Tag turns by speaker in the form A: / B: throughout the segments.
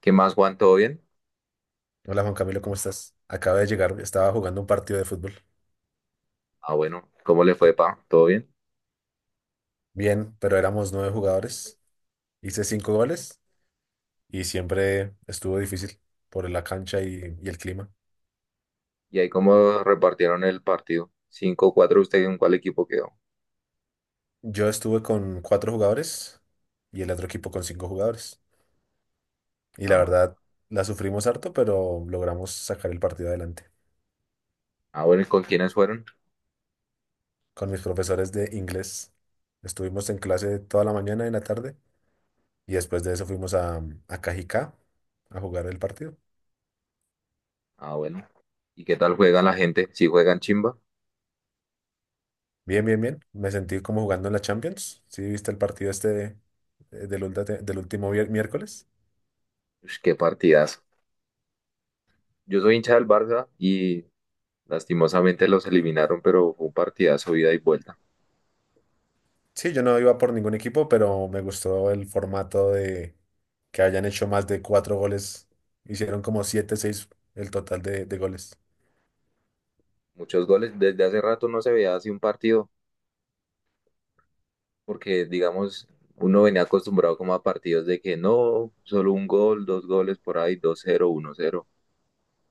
A: ¿Qué más, Juan? ¿Todo bien?
B: Hola Juan Camilo, ¿cómo estás? Acabo de llegar, estaba jugando un partido de fútbol.
A: Ah, bueno, ¿cómo le fue, pa? ¿Todo bien?
B: Bien, pero éramos nueve jugadores, hice cinco goles y siempre estuvo difícil por la cancha y el clima.
A: ¿Y ahí cómo repartieron el partido? Cinco cuatro. ¿Usted en cuál equipo quedó?
B: Yo estuve con cuatro jugadores y el otro equipo con cinco jugadores. Y la
A: Ah, bueno.
B: verdad, la sufrimos harto, pero logramos sacar el partido adelante.
A: Ah, bueno, ¿y con quiénes fueron?
B: Con mis profesores de inglés, estuvimos en clase toda la mañana y en la tarde y después de eso fuimos a Cajicá a jugar el partido.
A: Ah, bueno. ¿Y qué tal juega la gente? ¿Si juegan chimba?
B: Bien, bien, bien. Me sentí como jugando en la Champions. ¿Sí viste el partido este del último miércoles?
A: Ush, qué partidazo. Yo soy hincha del Barça y lastimosamente los eliminaron, pero fue un partidazo ida y vuelta.
B: Sí, yo no iba por ningún equipo, pero me gustó el formato de que hayan hecho más de cuatro goles. Hicieron como siete, seis el total de goles.
A: Muchos goles. Desde hace rato no se veía así un partido, porque digamos, uno venía acostumbrado como a partidos de que no, solo un gol, dos goles por ahí, dos cero, uno cero.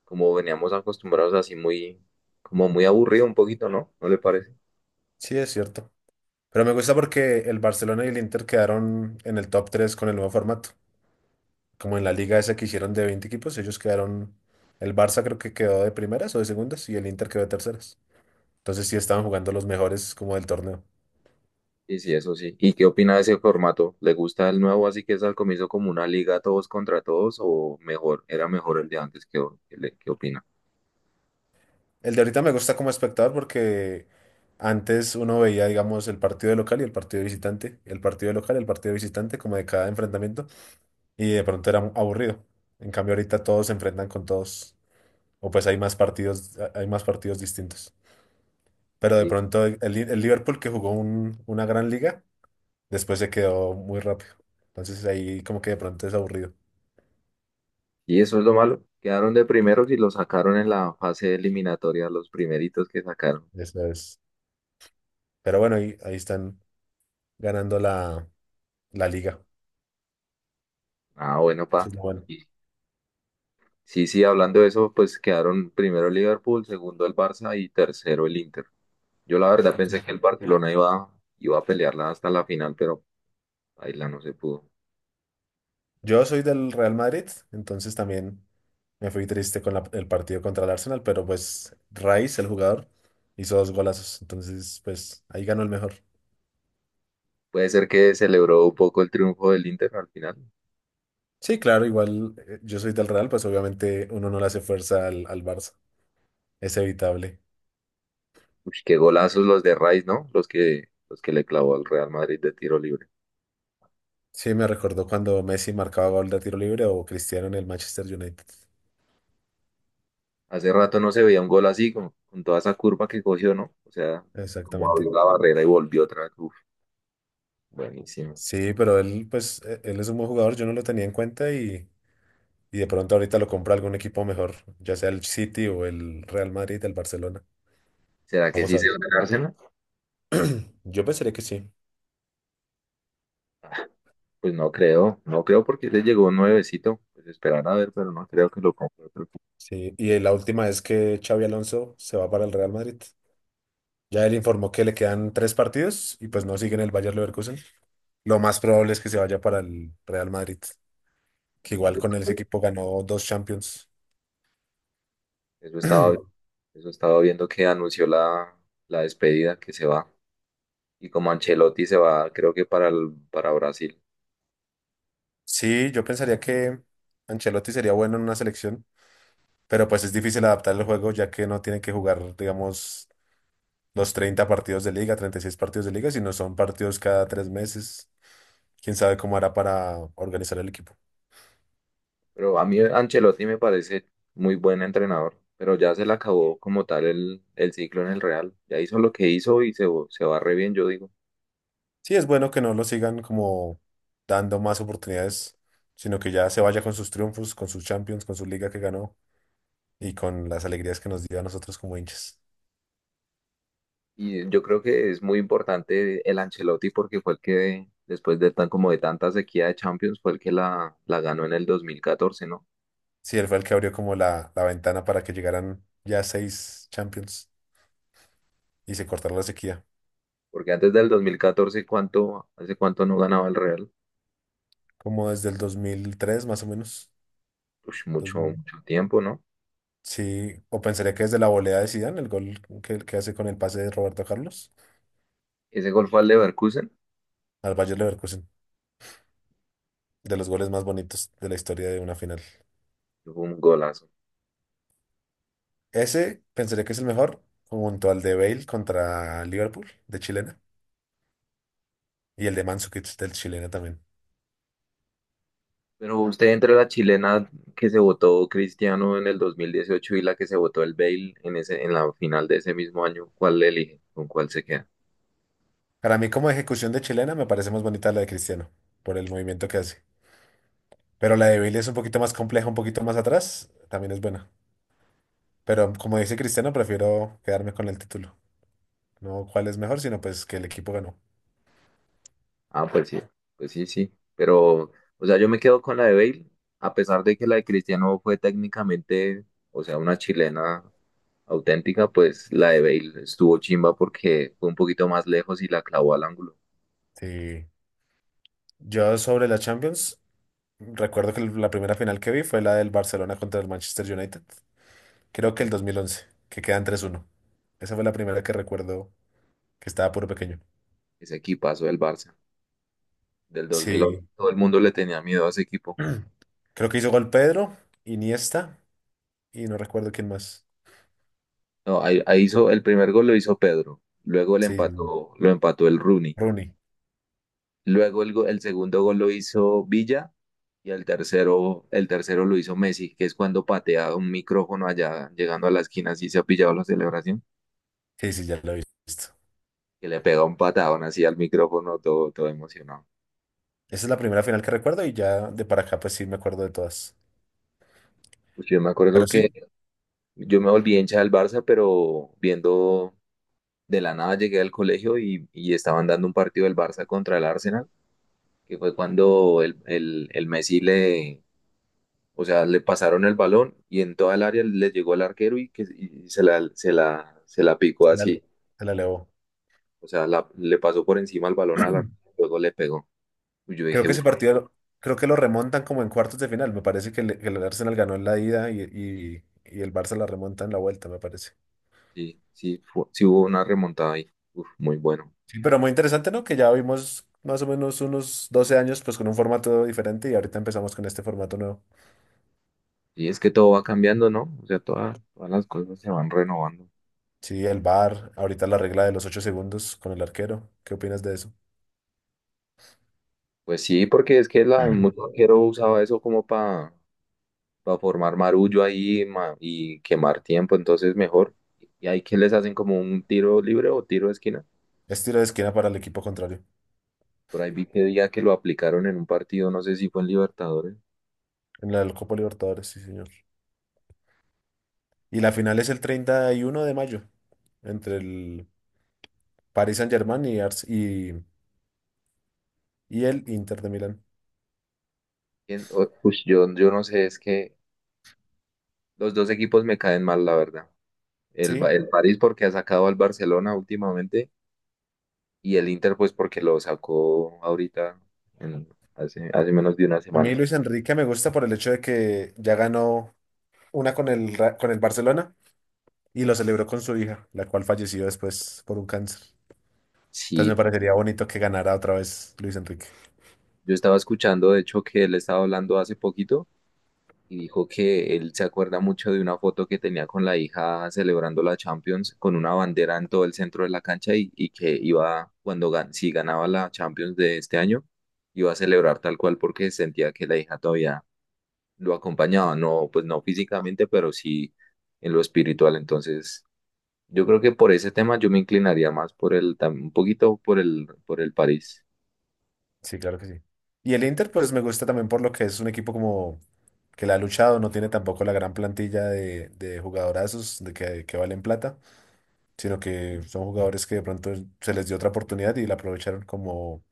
A: Como veníamos acostumbrados así muy, como muy aburrido un poquito, ¿no? ¿No le parece?
B: Sí, es cierto. Pero me gusta porque el Barcelona y el Inter quedaron en el top 3 con el nuevo formato. Como en la liga esa que hicieron de 20 equipos, ellos quedaron, el Barça creo que quedó de primeras o de segundas y el Inter quedó de terceras. Entonces sí estaban jugando los mejores como del torneo.
A: Y sí, eso sí. ¿Y qué opina de ese formato? ¿Le gusta el nuevo así que es al comienzo como una liga todos contra todos o mejor, era mejor el de antes? ¿Qué, o- qué, le- qué opina?
B: El de ahorita me gusta como espectador porque antes uno veía, digamos, el partido de local y el partido de visitante, el partido de local y el partido de visitante como de cada enfrentamiento y de pronto era aburrido. En cambio ahorita todos se enfrentan con todos o pues hay más partidos distintos. Pero de
A: Y,
B: pronto el Liverpool que jugó una gran liga, después se quedó muy rápido. Entonces ahí como que de pronto es aburrido.
A: y eso es lo malo. Quedaron de primeros y lo sacaron en la fase eliminatoria, los primeritos que sacaron.
B: Eso es. Pero bueno, ahí están ganando la liga.
A: Ah, bueno, pa.
B: Eso es lo bueno.
A: Y- sí, sí, hablando de eso, pues quedaron primero el Liverpool, segundo el Barça y tercero el Inter. Yo la verdad pensé
B: Entonces,
A: que el Barcelona iba, iba a pelearla hasta la final, pero ahí la no se pudo.
B: yo soy del Real Madrid, entonces también me fui triste con el partido contra el Arsenal, pero pues Rice, el jugador, hizo dos golazos, entonces pues ahí ganó el mejor.
A: Puede ser que celebró un poco el triunfo del Inter al final.
B: Sí, claro, igual yo soy del Real, pues obviamente uno no le hace fuerza al Barça, es evitable.
A: Uy, qué golazos los de Rice, ¿no? Los que le clavó al Real Madrid de tiro libre.
B: Sí, me recordó cuando Messi marcaba gol de tiro libre o Cristiano en el Manchester United.
A: Hace rato no se veía un gol así, con toda esa curva que cogió, ¿no? O sea, como
B: Exactamente.
A: abrió la barrera y volvió otra vez. Uf, buenísimo.
B: Sí, pero él, pues, él es un buen jugador, yo no lo tenía en cuenta y de pronto ahorita lo compra algún equipo mejor, ya sea el City o el Real Madrid, el Barcelona.
A: ¿Será que
B: Vamos
A: sí
B: a ver.
A: se va a ganar Arsenal?
B: Yo pensaría que sí.
A: Ah, pues no creo, no creo porque le llegó un nuevecito. Pues esperar a ver, pero no creo que lo compre otro
B: Sí, y la última es que Xavi Alonso se va para el Real Madrid. Ya él informó que le quedan tres partidos y pues no sigue en el Bayer Leverkusen. Lo más probable es que se vaya para el Real Madrid, que igual con él
A: equipo.
B: ese equipo ganó dos Champions.
A: Eso estaba, eso estaba viendo que anunció la, la despedida que se va. Y como Ancelotti se va, creo que para, el- para Brasil.
B: Sí, yo pensaría que Ancelotti sería bueno en una selección, pero pues es difícil adaptar el juego ya que no tiene que jugar, digamos, los 30 partidos de liga, 36 partidos de liga, si no son partidos cada 3 meses. Quién sabe cómo hará para organizar el equipo.
A: Pero a mí Ancelotti me parece muy buen entrenador. Pero ya se le acabó como tal el ciclo en el Real. Ya hizo lo que hizo y se va re bien, yo digo.
B: Sí, es bueno que no lo sigan como dando más oportunidades, sino que ya se vaya con sus triunfos, con sus Champions, con su liga que ganó y con las alegrías que nos dio a nosotros como hinchas.
A: Y yo creo que es muy importante el Ancelotti porque fue el que, después de tan como de tanta sequía de Champions, fue el que la ganó en el dos mil catorce, ¿no?
B: Sí, él fue el que abrió como la ventana para que llegaran ya seis Champions y se cortara la sequía,
A: Porque antes del 2014, ¿cuánto, hace cuánto no ganaba el Real?
B: como desde el 2003 más o menos.
A: Ush, mucho, mucho tiempo, ¿no?
B: Sí, o pensaría que es de la volea de Zidane, el gol que hace con el pase de Roberto Carlos
A: Ese gol fue al Leverkusen,
B: al Bayer Leverkusen, de los goles más bonitos de la historia de una final.
A: fue un golazo.
B: Ese pensaría que es el mejor, junto al de Bale contra Liverpool, de chilena, y el de Mandzukic del chilena también.
A: Pero usted entre la chilena que se votó Cristiano en el 2018 y la que se votó el Bale en ese, en la final de ese mismo año, ¿cuál le elige? ¿Con cuál se queda?
B: Para mí, como ejecución de chilena, me parece más bonita la de Cristiano, por el movimiento que hace. Pero la de Bale es un poquito más compleja, un poquito más atrás, también es buena. Pero como dice Cristiano, prefiero quedarme con el título. No cuál es mejor, sino pues que el equipo ganó.
A: Ah, pues sí, sí. Pero, o sea, yo me quedo con la de Bale, a pesar de que la de Cristiano fue técnicamente, o sea, una chilena auténtica, pues la de Bale estuvo chimba porque fue un poquito más lejos y la clavó al ángulo.
B: Sí. Yo sobre la Champions, recuerdo que la primera final que vi fue la del Barcelona contra el Manchester United. Creo que el 2011, que quedan 3-1. Esa fue la primera que recuerdo, que estaba puro pequeño.
A: Ese equipazo del Barça. Del 2011.
B: Sí.
A: Todo el mundo le tenía miedo a ese equipo.
B: Creo que hizo gol Pedro, Iniesta y no recuerdo quién más.
A: No, ahí, ahí hizo el primer gol lo hizo Pedro, luego le
B: Sí,
A: empató, lo empató el Rooney,
B: Rooney.
A: luego el, go- el segundo gol lo hizo Villa y el tercero lo hizo Messi, que es cuando patea un micrófono allá llegando a la esquina así se ha pillado la celebración,
B: Sí, sí, ya lo he visto.
A: que le pega un patadón así al micrófono todo, todo emocionado.
B: Esa es la primera final que recuerdo y ya de para acá pues sí me acuerdo de todas.
A: Pues yo me acuerdo
B: Pero
A: que
B: sí,
A: yo me volví hincha del Barça, pero viendo de la nada llegué al colegio y estaban dando un partido del Barça contra el Arsenal que fue cuando el Messi le, o sea, le pasaron el balón y en toda el área le llegó al arquero y, que, y se la, se la, se la picó
B: se la,
A: así,
B: se la elevó.
A: o sea, la- le pasó por encima el balón al arquero, luego le pegó. Y yo
B: Creo
A: dije,
B: que
A: uff,
B: ese partido, creo que lo remontan como en cuartos de final. Me parece que el Arsenal ganó en la ida y el Barça la remonta en la vuelta, me parece.
A: sí, sí, fu- sí hubo una remontada ahí, uff, muy bueno.
B: Sí, pero muy interesante, ¿no? Que ya vimos más o menos unos 12 años, pues con un formato diferente y ahorita empezamos con este formato nuevo.
A: Y es que todo va cambiando, ¿no? O sea, todas, todas las cosas se van renovando.
B: Sí, el VAR, ahorita la regla de los 8 segundos con el arquero. ¿Qué opinas de eso?
A: Pues sí, porque es que la, mucho arquero usaba eso como para formar marullo ahí ma- y quemar tiempo, entonces mejor. Y ahí que les hacen como un tiro libre o tiro de esquina.
B: Es tiro de esquina para el equipo contrario
A: Por ahí vi que día que lo aplicaron en un partido, no sé si fue en Libertadores.
B: en la Copa Libertadores, sí, señor. Y la final es el 31 de mayo entre el Paris Saint-Germain y el Inter de Milán.
A: ¿Quién? O- ush, yo no sé, es que los dos equipos me caen mal, la verdad. El,
B: Sí,
A: Ba- el París porque ha sacado al Barcelona últimamente y el Inter pues porque lo sacó ahorita en- hace, hace menos de una
B: a mí
A: semana.
B: Luis Enrique me gusta por el hecho de que ya ganó una con el Barcelona y lo celebró con su hija, la cual falleció después por un cáncer. Entonces me
A: Sí, sí.
B: parecería bonito que ganara otra vez Luis Enrique.
A: Yo estaba escuchando de hecho que él estaba hablando hace poquito y dijo que él se acuerda mucho de una foto que tenía con la hija celebrando la Champions con una bandera en todo el centro de la cancha y que iba, cuando gan- si ganaba la Champions de este año, iba a celebrar tal cual porque sentía que la hija todavía lo acompañaba, no, pues no físicamente, pero sí en lo espiritual. Entonces, yo creo que por ese tema yo me inclinaría más por el, tam- un poquito por el París.
B: Sí, claro que sí. Y el Inter, pues me gusta también por lo que es un equipo como que la ha luchado, no tiene tampoco la gran plantilla de jugadorazos de que valen plata, sino que son jugadores que de pronto se les dio otra oportunidad y la aprovecharon como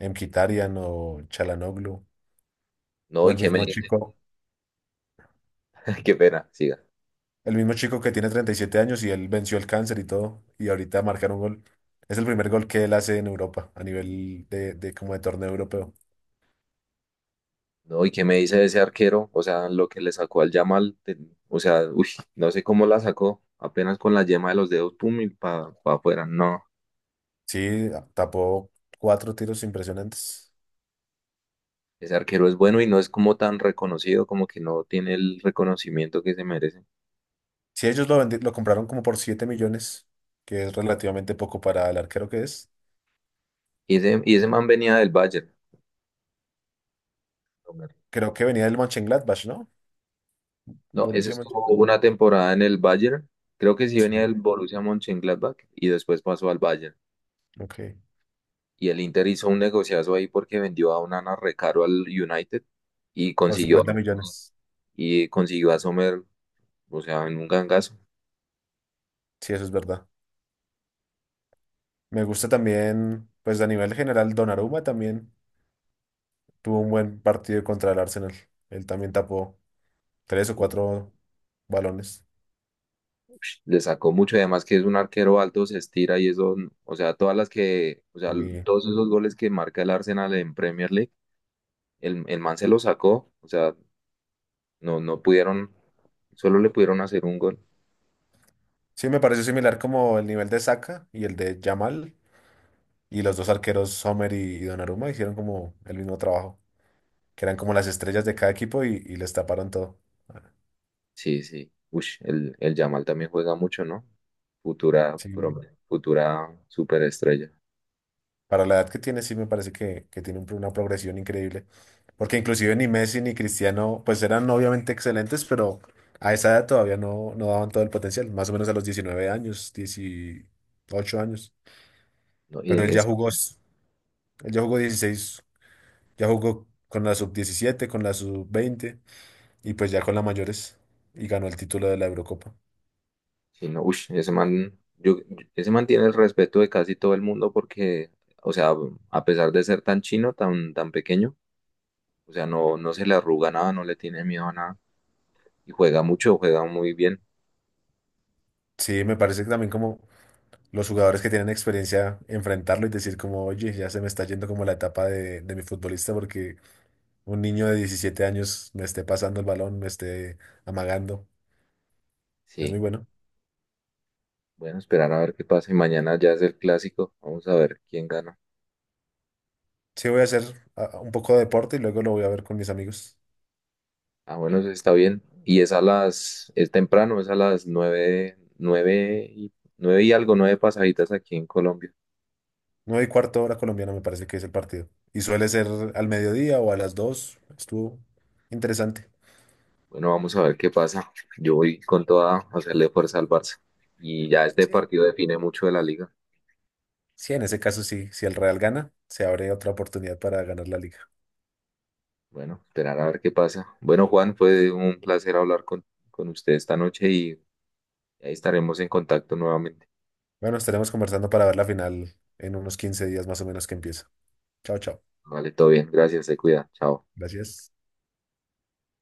B: Mkhitaryan o Chalanoglu
A: No,
B: o
A: y
B: el
A: qué
B: mismo
A: me,
B: chico.
A: qué pena, siga.
B: El mismo chico que tiene 37 años y él venció el cáncer y todo, y ahorita marcar un gol. Es el primer gol que él hace en Europa, a nivel de como de torneo europeo.
A: No, ¿y qué me dice de ese arquero? O sea, lo que le sacó al Yamal, te- o sea, uy, no sé cómo la sacó, apenas con la yema de los dedos, pum, y para afuera. No,
B: Sí, tapó cuatro tiros impresionantes.
A: ese arquero es bueno y no es como tan reconocido, como que no tiene el reconocimiento que se merece.
B: Si ellos lo compraron como por 7 millones, que es relativamente poco para el arquero que es.
A: Y ese man venía del Bayern.
B: Creo que venía del Mönchengladbach, ¿no?
A: No, ese
B: Borussia
A: estuvo
B: Mönchengladbach.
A: una temporada en el Bayern, creo que sí venía
B: Sí,
A: del Borussia Mönchengladbach y después pasó al Bayern.
B: ok.
A: Y el Inter hizo un negociazo ahí porque vendió a Onana recaro al United y
B: Por
A: consiguió
B: 50 millones.
A: y consiguió a Sommer, o sea, en un gangazo.
B: Sí, eso es verdad. Me gusta también, pues a nivel general, Donnarumma también. Tuvo un buen partido contra el Arsenal. Él también tapó tres o cuatro balones.
A: Ush, le sacó mucho, y además que es un arquero alto, se estira y eso, o sea, todas las que, o sea,
B: Y
A: todos esos goles que marca el Arsenal en Premier League, el man se lo sacó, o sea, no, no pudieron, solo le pudieron hacer un gol.
B: sí, me pareció similar como el nivel de Saka y el de Yamal. Y los dos arqueros, Sommer y Donnarumma, hicieron como el mismo trabajo. Que eran como las estrellas de cada equipo y les taparon todo. Ah.
A: Sí, sí. Ush, el Yamal también juega mucho, ¿no? Futura,
B: Sí.
A: prom- futura superestrella.
B: Para la edad que tiene, sí me parece que tiene un una progresión increíble. Porque inclusive ni Messi ni Cristiano, pues eran obviamente excelentes, pero a esa edad todavía no daban todo el potencial. Más o menos a los 19 años, 18 años.
A: ¿No? Y
B: Pero él ya
A: es,
B: jugó, s- él ya jugó 16, ya jugó con la sub 17, con la sub 20 y pues ya con las mayores y ganó el título de la Eurocopa.
A: sí, no, ush, ese man, yo- ese man tiene el respeto de casi todo el mundo porque, o sea, a pesar de ser tan chino, tan, tan pequeño, o sea, no, no se le arruga nada, no le tiene miedo a nada. Y juega mucho, juega muy bien.
B: Sí, me parece que también como los jugadores que tienen experiencia enfrentarlo y decir como, oye, ya se me está yendo como la etapa de mi futbolista porque un niño de 17 años me esté pasando el balón, me esté amagando. Es muy
A: Sí,
B: bueno.
A: bueno, esperar a ver qué pasa. Y mañana ya es el clásico. Vamos a ver quién gana.
B: Sí, voy a hacer un poco de deporte y luego lo voy a ver con mis amigos.
A: Ah, bueno, eso está bien. Y es a las, es temprano, es a las nueve, nueve y, nueve y algo, nueve pasaditas aquí en Colombia.
B: 9:15 hora colombiana me parece que es el partido. Y suele ser al mediodía o a las dos. Estuvo interesante.
A: Bueno, vamos a ver qué pasa. Yo voy con toda a hacerle fuerza al Barça. Y ya este
B: Sí.
A: partido define mucho de la liga.
B: Sí, en ese caso sí. Si el Real gana, se abre otra oportunidad para ganar la liga.
A: Bueno, esperar a ver qué pasa. Bueno, Juan, fue un placer hablar con usted esta noche y ahí estaremos en contacto nuevamente.
B: Bueno, estaremos conversando para ver la final en unos 15 días más o menos que empieza. Chao, chao.
A: Vale, todo bien. Gracias, se cuida. Chao.
B: Gracias.